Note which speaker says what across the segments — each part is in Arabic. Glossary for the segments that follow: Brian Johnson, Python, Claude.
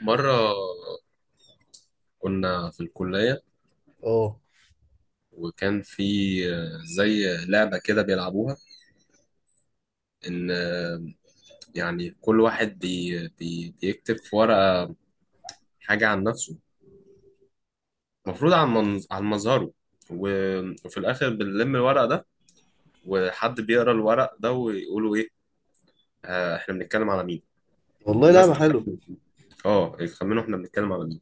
Speaker 1: مرة كنا في الكلية
Speaker 2: اه،
Speaker 1: وكان في زي لعبة كده بيلعبوها، إن يعني كل واحد بي بي بيكتب في ورقة حاجة عن نفسه، المفروض عن عن مظهره. وفي الآخر بنلم الورق ده، وحد بيقرأ الورق ده ويقولوا إيه إحنا بنتكلم على مين.
Speaker 2: والله
Speaker 1: الناس
Speaker 2: لعبة حلوة.
Speaker 1: تخمن، اه، يخمنوا احنا بنتكلم على مين.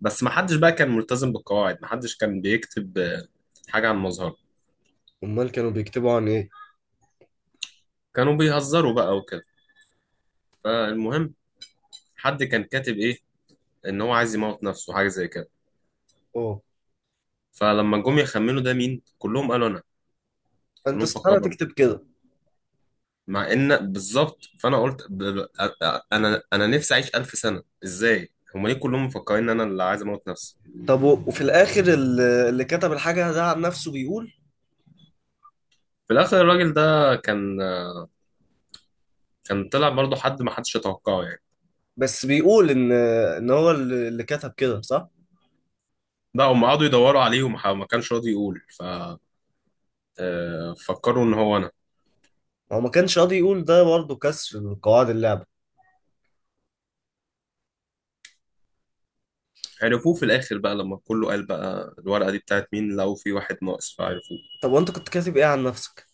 Speaker 1: بس ما حدش بقى كان ملتزم بالقواعد، ما حدش كان بيكتب حاجة عن مظهره،
Speaker 2: امال كانوا بيكتبوا عن ايه؟
Speaker 1: كانوا بيهزروا بقى وكده. فالمهم، حد كان كاتب ايه؟ ان هو عايز يموت نفسه، حاجه زي كده.
Speaker 2: اه،
Speaker 1: فلما جم يخمنوا ده مين، كلهم قالوا انا،
Speaker 2: انت
Speaker 1: كلهم فكروا
Speaker 2: استحالة
Speaker 1: انا،
Speaker 2: تكتب كده.
Speaker 1: مع ان بالظبط، فانا قلت ب... ب... أ- انا انا نفسي اعيش 1000 سنه. ازاي هم ليه كلهم مفكرين ان انا اللي عايز اموت نفسي؟
Speaker 2: طب وفي الاخر اللي كتب الحاجة ده عن نفسه بيقول.
Speaker 1: في الاخر الراجل ده كان، كان طلع برضه حد ما حدش يتوقعه يعني.
Speaker 2: بس بيقول ان هو اللي كتب كده، صح؟
Speaker 1: ده هم قعدوا يدوروا عليه وما ح- ما كانش راضي يقول، ف فكروا ان هو انا.
Speaker 2: هو ما كانش راضي يقول ده، برضه كسر لقواعد اللعبة.
Speaker 1: عرفوه في الاخر بقى لما كله قال بقى الورقه دي بتاعت مين، لقوا في واحد ناقص فعرفوه.
Speaker 2: طب وانت كنت كاتب ايه عن نفسك؟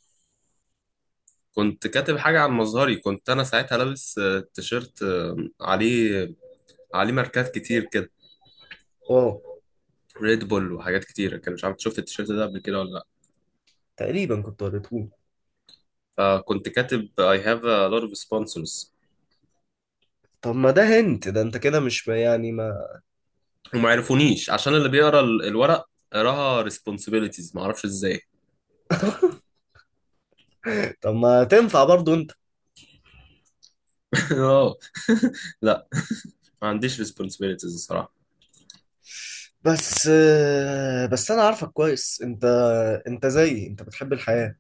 Speaker 1: كنت كاتب حاجة عن مظهري، كنت أنا ساعتها لابس تيشيرت عليه، عليه ماركات كتير كده،
Speaker 2: اه،
Speaker 1: ريد بول وحاجات كتيرة، كان مش عارف شفت التيشيرت ده قبل كده ولا لأ.
Speaker 2: تقريبا كنت قريته.
Speaker 1: فكنت كاتب I have a lot of sponsors،
Speaker 2: طب ما ده هنت ده انت كده مش يعني ما.
Speaker 1: وما عرفونيش عشان اللي بيقرا الورق قراها responsibilities، ما اعرفش ازاي.
Speaker 2: طب ما تنفع برضه انت؟
Speaker 1: اه. لا، ما عنديش responsibilities الصراحة.
Speaker 2: بس انا عارفك كويس انت، انت زيي، انت بتحب الحياة.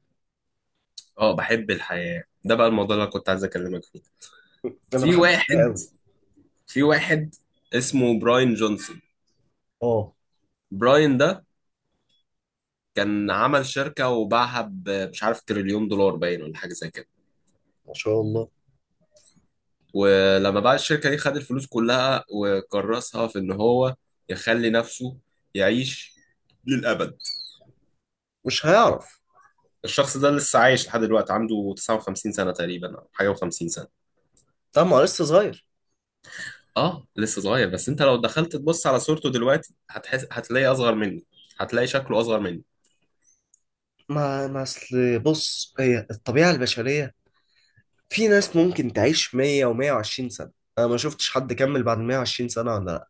Speaker 1: اه بحب الحياة، ده بقى الموضوع اللي أنا كنت عايز اكلمك فيه.
Speaker 2: انا
Speaker 1: في
Speaker 2: بحب الحياة
Speaker 1: واحد
Speaker 2: قوي.
Speaker 1: في واحد اسمه براين جونسون.
Speaker 2: اه،
Speaker 1: براين ده كان عمل شركة وباعها مش عارف تريليون دولار باين ولا حاجة زي كده.
Speaker 2: ما شاء الله.
Speaker 1: ولما باع الشركة دي خد الفلوس كلها وكرسها في إن هو يخلي نفسه يعيش للأبد.
Speaker 2: مش هيعرف.
Speaker 1: الشخص ده لسه عايش لحد دلوقتي، عنده 59 سنة تقريبا أو حاجة و50 سنة.
Speaker 2: طبعا لسه صغير.
Speaker 1: اه لسه صغير، بس انت لو دخلت تبص على صورته دلوقتي هتحس، هتلاقي اصغر مني، هتلاقي شكله اصغر مني.
Speaker 2: ما اصل بص، هي الطبيعة البشرية، في ناس ممكن تعيش 100 و120 سنة. انا ما شفتش حد كمل بعد 120 سنة ولا لا.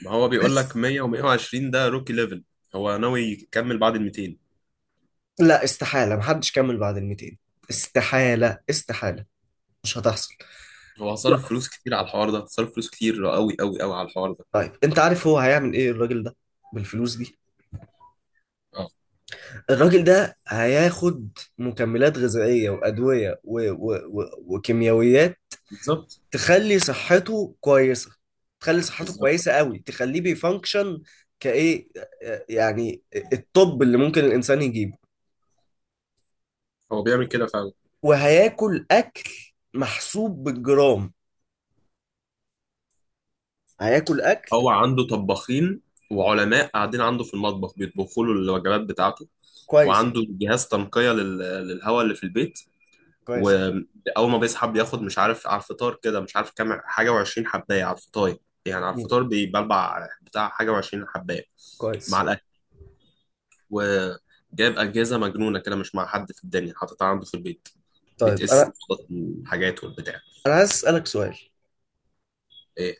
Speaker 1: ما هو بيقول لك
Speaker 2: بس
Speaker 1: 100 و120، ده روكي ليفل، هو ناوي يكمل بعد ال 200.
Speaker 2: لا، استحالة محدش كمل بعد ال 200. استحالة استحالة، مش هتحصل.
Speaker 1: هو هصرف فلوس كتير على الحوار ده، هصرف فلوس كتير قوي قوي قوي على الحوار ده.
Speaker 2: طيب انت عارف هو هيعمل ايه الراجل ده بالفلوس دي؟
Speaker 1: اه
Speaker 2: الراجل ده هياخد مكملات غذائية وأدوية وكيميائيات.
Speaker 1: بالظبط
Speaker 2: تخلي صحته كويسه، تخلي صحته
Speaker 1: بالظبط.
Speaker 2: كويسه قوي، تخليه بيفانكشن، كايه، يعني الطب اللي ممكن الانسان يجيبه.
Speaker 1: هو بيعمل كده فعلا.
Speaker 2: وهياكل اكل محسوب بالجرام، هياكل اكل.
Speaker 1: هو عنده طباخين وعلماء قاعدين عنده في المطبخ بيطبخوا له الوجبات بتاعته،
Speaker 2: كويس أوي.
Speaker 1: وعنده جهاز تنقية للهواء اللي في البيت.
Speaker 2: كويس أوي.
Speaker 1: وأول ما بيصحى بياخد مش عارف على الفطار كده، مش عارف كام حاجة وعشرين حباية على الفطار، يعني على
Speaker 2: مم.
Speaker 1: الفطار بيبلبع بتاع حاجة وعشرين حباية مع
Speaker 2: كويس.
Speaker 1: الأكل. وجايب أجهزة مجنونة كده مش مع حد في الدنيا حاططها عنده في البيت،
Speaker 2: طيب
Speaker 1: بتقيس
Speaker 2: انا
Speaker 1: نقط الحاجات والبتاع.
Speaker 2: انا عايز اسالك سؤال.
Speaker 1: إيه،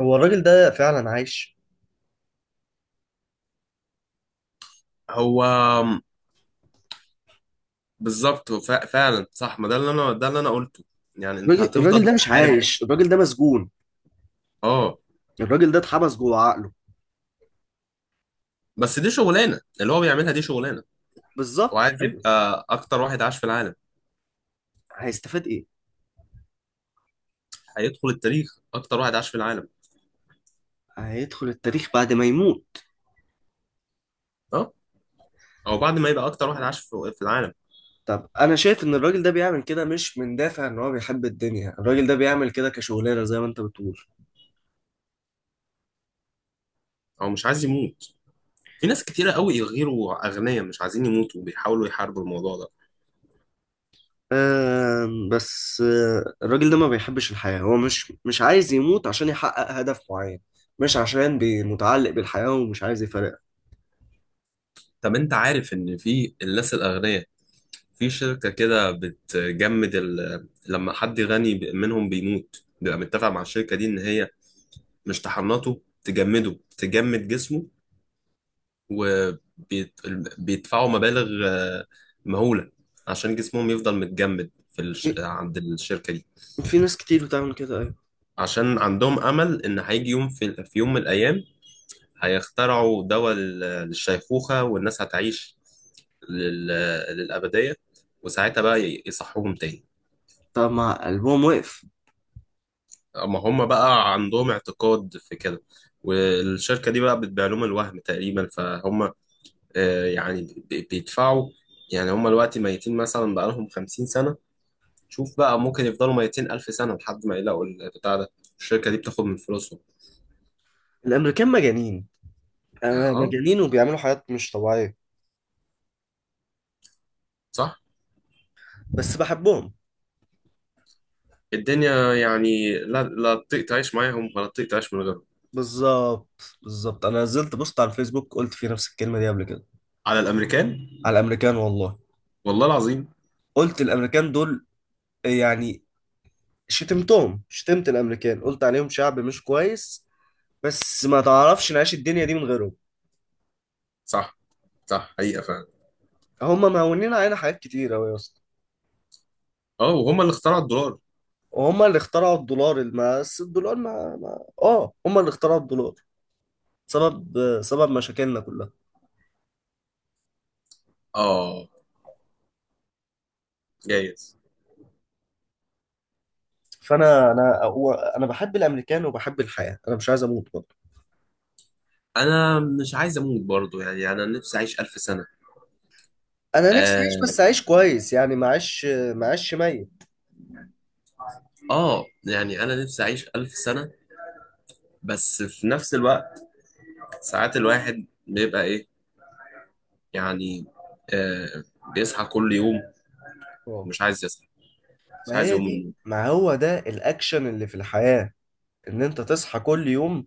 Speaker 2: هو الراجل ده فعلا عايش؟
Speaker 1: هو بالظبط فعلا صح، ما ده اللي انا، ده اللي انا قلته، يعني انت
Speaker 2: الراجل
Speaker 1: هتفضل
Speaker 2: ده مش
Speaker 1: تحارب.
Speaker 2: عايش، الراجل ده مسجون،
Speaker 1: اه.
Speaker 2: الراجل ده اتحبس جوه عقله.
Speaker 1: بس دي شغلانه اللي هو بيعملها، دي شغلانه،
Speaker 2: بالظبط،
Speaker 1: وعايز
Speaker 2: ايوه.
Speaker 1: يبقى اكتر واحد عاش في العالم،
Speaker 2: هيستفاد ايه؟
Speaker 1: هيدخل التاريخ اكتر واحد عاش في العالم.
Speaker 2: هيدخل التاريخ بعد ما يموت.
Speaker 1: اه او بعد ما يبقى اكتر واحد عاش في العالم.
Speaker 2: طب انا شايف ان الراجل ده بيعمل كده مش من دافع ان هو بيحب الدنيا، الراجل ده بيعمل كده كشغلانه زي ما انت بتقول.
Speaker 1: او مش عايز يموت، في ناس كتيره قوي غيروا اغنياء مش عايزين يموتوا وبيحاولوا يحاربوا الموضوع ده.
Speaker 2: بس الراجل ده ما بيحبش الحياه، هو مش عايز يموت عشان يحقق هدف معين، مش عشان متعلق بالحياه ومش عايز يفارقها.
Speaker 1: طب انت عارف ان في الناس الاغنياء، في شركة كده بتجمد لما حد غني منهم بيموت بيبقى متفق مع الشركة دي إن هي مش تحنطه، تجمده، تجمد جسمه. وبيدفعوا مبالغ مهولة عشان جسمهم يفضل متجمد في
Speaker 2: في
Speaker 1: عند الشركة دي.
Speaker 2: في ناس كتير بتعمل كده، ايوه.
Speaker 1: عشان عندهم أمل إن هيجي يوم، في يوم من الأيام هيخترعوا دواء للشيخوخة والناس هتعيش لل... للأبدية، وساعتها بقى يصحوهم تاني.
Speaker 2: طب ما قلبهم وقف.
Speaker 1: اما هم بقى عندهم اعتقاد في كده، والشركة دي بقى بتبيع لهم الوهم تقريبا. فهم يعني بيدفعوا، يعني هم دلوقتي ميتين مثلا بقالهم 50 سنة، شوف بقى ممكن يفضلوا 200 ألف سنة لحد ما يلاقوا البتاع ده، الشركة دي بتاخد من فلوسهم.
Speaker 2: الامريكان مجانين،
Speaker 1: اه
Speaker 2: مجانين وبيعملوا حاجات مش طبيعيه،
Speaker 1: صح،
Speaker 2: بس بحبهم.
Speaker 1: الدنيا يعني لا، لا تطيق تعيش معاهم ولا تطيق تعيش من غيرهم.
Speaker 2: بالظبط. بالظبط، انا نزلت بوست على الفيسبوك قلت فيه نفس الكلمه دي قبل كده،
Speaker 1: على الأمريكان
Speaker 2: على الامريكان والله.
Speaker 1: والله العظيم.
Speaker 2: قلت الامريكان دول، يعني شتمتهم، شتمت الامريكان، قلت عليهم شعب مش كويس، بس ما تعرفش نعيش الدنيا دي من غيرهم.
Speaker 1: صح، صح حقيقة فعلا.
Speaker 2: هم مهونين علينا حاجات كتير أوي يا اسطى.
Speaker 1: اه وهم اللي اخترعوا الدولار.
Speaker 2: وهم اللي اخترعوا الدولار. بس الدولار ما هم اللي اخترعوا الدولار. سبب مشاكلنا كلها.
Speaker 1: اه جايز.
Speaker 2: انا بحب الامريكان وبحب الحياه، انا مش عايز اموت برضه.
Speaker 1: انا مش عايز اموت برضو، يعني انا نفسي اعيش الف سنه.
Speaker 2: انا نفسي اعيش،
Speaker 1: آه,
Speaker 2: بس اعيش كويس، يعني ما اعيش ميت.
Speaker 1: اه يعني انا نفسي اعيش الف سنه، بس في نفس الوقت ساعات الواحد بيبقى ايه، يعني آه بيصحى كل يوم
Speaker 2: اه،
Speaker 1: ومش عايز يصحى، مش
Speaker 2: ما
Speaker 1: عايز
Speaker 2: هي
Speaker 1: يقوم من
Speaker 2: دي
Speaker 1: النوم.
Speaker 2: ما هو ده الاكشن اللي في الحياه، ان انت تصحى كل يوم،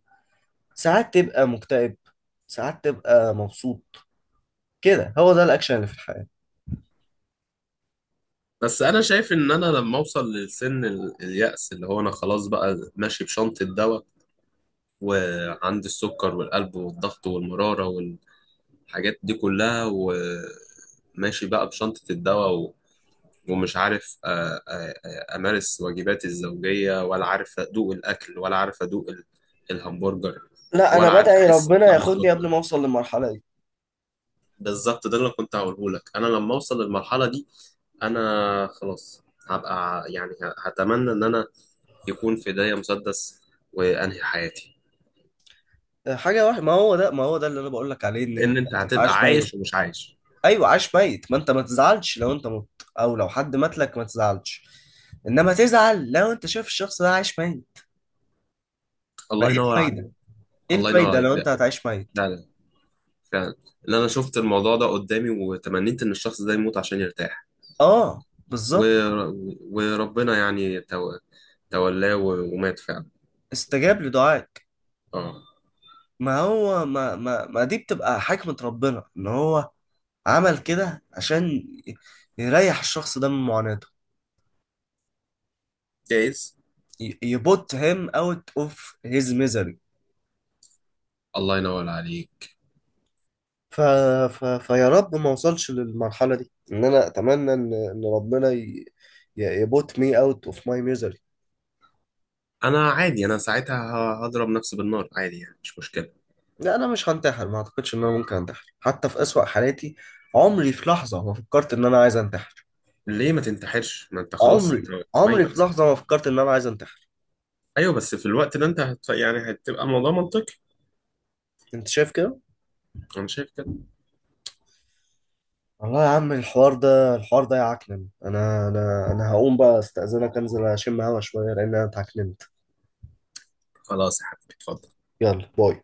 Speaker 2: ساعات تبقى مكتئب، ساعات تبقى مبسوط، كده هو ده الاكشن اللي في الحياة.
Speaker 1: بس انا شايف ان انا لما اوصل لسن اليأس، اللي هو انا خلاص بقى ماشي بشنطه دواء، وعندي السكر والقلب والضغط والمراره والحاجات دي كلها، وماشي بقى بشنطه الدواء، ومش عارف أمارس واجباتي الزوجية، ولا عارف أدوق الأكل، ولا عارف أدوق الهمبرجر،
Speaker 2: لا، انا
Speaker 1: ولا عارف
Speaker 2: بدعي
Speaker 1: أحس
Speaker 2: ربنا
Speaker 1: بطعم
Speaker 2: ياخدني قبل
Speaker 1: السكر.
Speaker 2: ما اوصل للمرحلة دي.
Speaker 1: بالظبط، ده اللي أنا كنت هقوله لك، أنا لما أوصل للمرحلة دي أنا خلاص، هبقى يعني هتمنى إن أنا يكون في ايديا مسدس وانهي حياتي،
Speaker 2: حاجة واحدة، ما هو ده اللي انا بقول لك عليه، ان
Speaker 1: لان
Speaker 2: انت
Speaker 1: انت
Speaker 2: تبقى
Speaker 1: هتبقى
Speaker 2: عاش
Speaker 1: عايش
Speaker 2: ميت.
Speaker 1: ومش عايش.
Speaker 2: ايوه، عاش ميت. ما انت ما تزعلش لو انت مت، او لو حد مات لك ما تزعلش، انما تزعل لو انت شايف الشخص ده عايش ميت. ما
Speaker 1: الله
Speaker 2: ايه
Speaker 1: ينور عليك.
Speaker 2: الفايدة ايه
Speaker 1: الله ينور
Speaker 2: الفايدة
Speaker 1: عليك
Speaker 2: لو
Speaker 1: ده،
Speaker 2: انت هتعيش ميت؟
Speaker 1: لا لا فعلا، ان انا شفت الموضوع ده قدامي وتمنيت ان الشخص ده يموت عشان يرتاح،
Speaker 2: اه، بالظبط.
Speaker 1: ور... وربنا يعني تولاه ومات فعلا.
Speaker 2: استجاب لدعائك.
Speaker 1: اه
Speaker 2: ما هو ما ما ما دي بتبقى حكمة ربنا، ان هو عمل كده عشان يريح الشخص ده من معاناته.
Speaker 1: جايز.
Speaker 2: يبوت him out of his misery.
Speaker 1: الله ينور عليك.
Speaker 2: ف... فيا رب ما اوصلش للمرحلة دي، ان انا اتمنى ان ربنا يبوت me out of my misery.
Speaker 1: انا عادي، انا ساعتها هضرب نفسي بالنار عادي يعني مش مشكله.
Speaker 2: لا، انا مش هنتحر، ما اعتقدش ان انا ممكن انتحر حتى في اسوأ حالاتي. عمري في لحظة ما فكرت ان انا عايز انتحر.
Speaker 1: ليه ما تنتحرش، ما انت خلاص انت
Speaker 2: عمري في
Speaker 1: ميت.
Speaker 2: لحظة ما فكرت ان انا عايز انتحر.
Speaker 1: ايوه بس في الوقت ده انت يعني هتبقى الموضوع منطقي.
Speaker 2: انت شايف كده؟
Speaker 1: انا شايف كده.
Speaker 2: والله يا عم، الحوار ده، يعكنن، انا هقوم بقى استأذنك، انزل اشم هوا شويه لان انا اتعكننت.
Speaker 1: خلاص يا حبيبي اتفضل.
Speaker 2: يلا باي.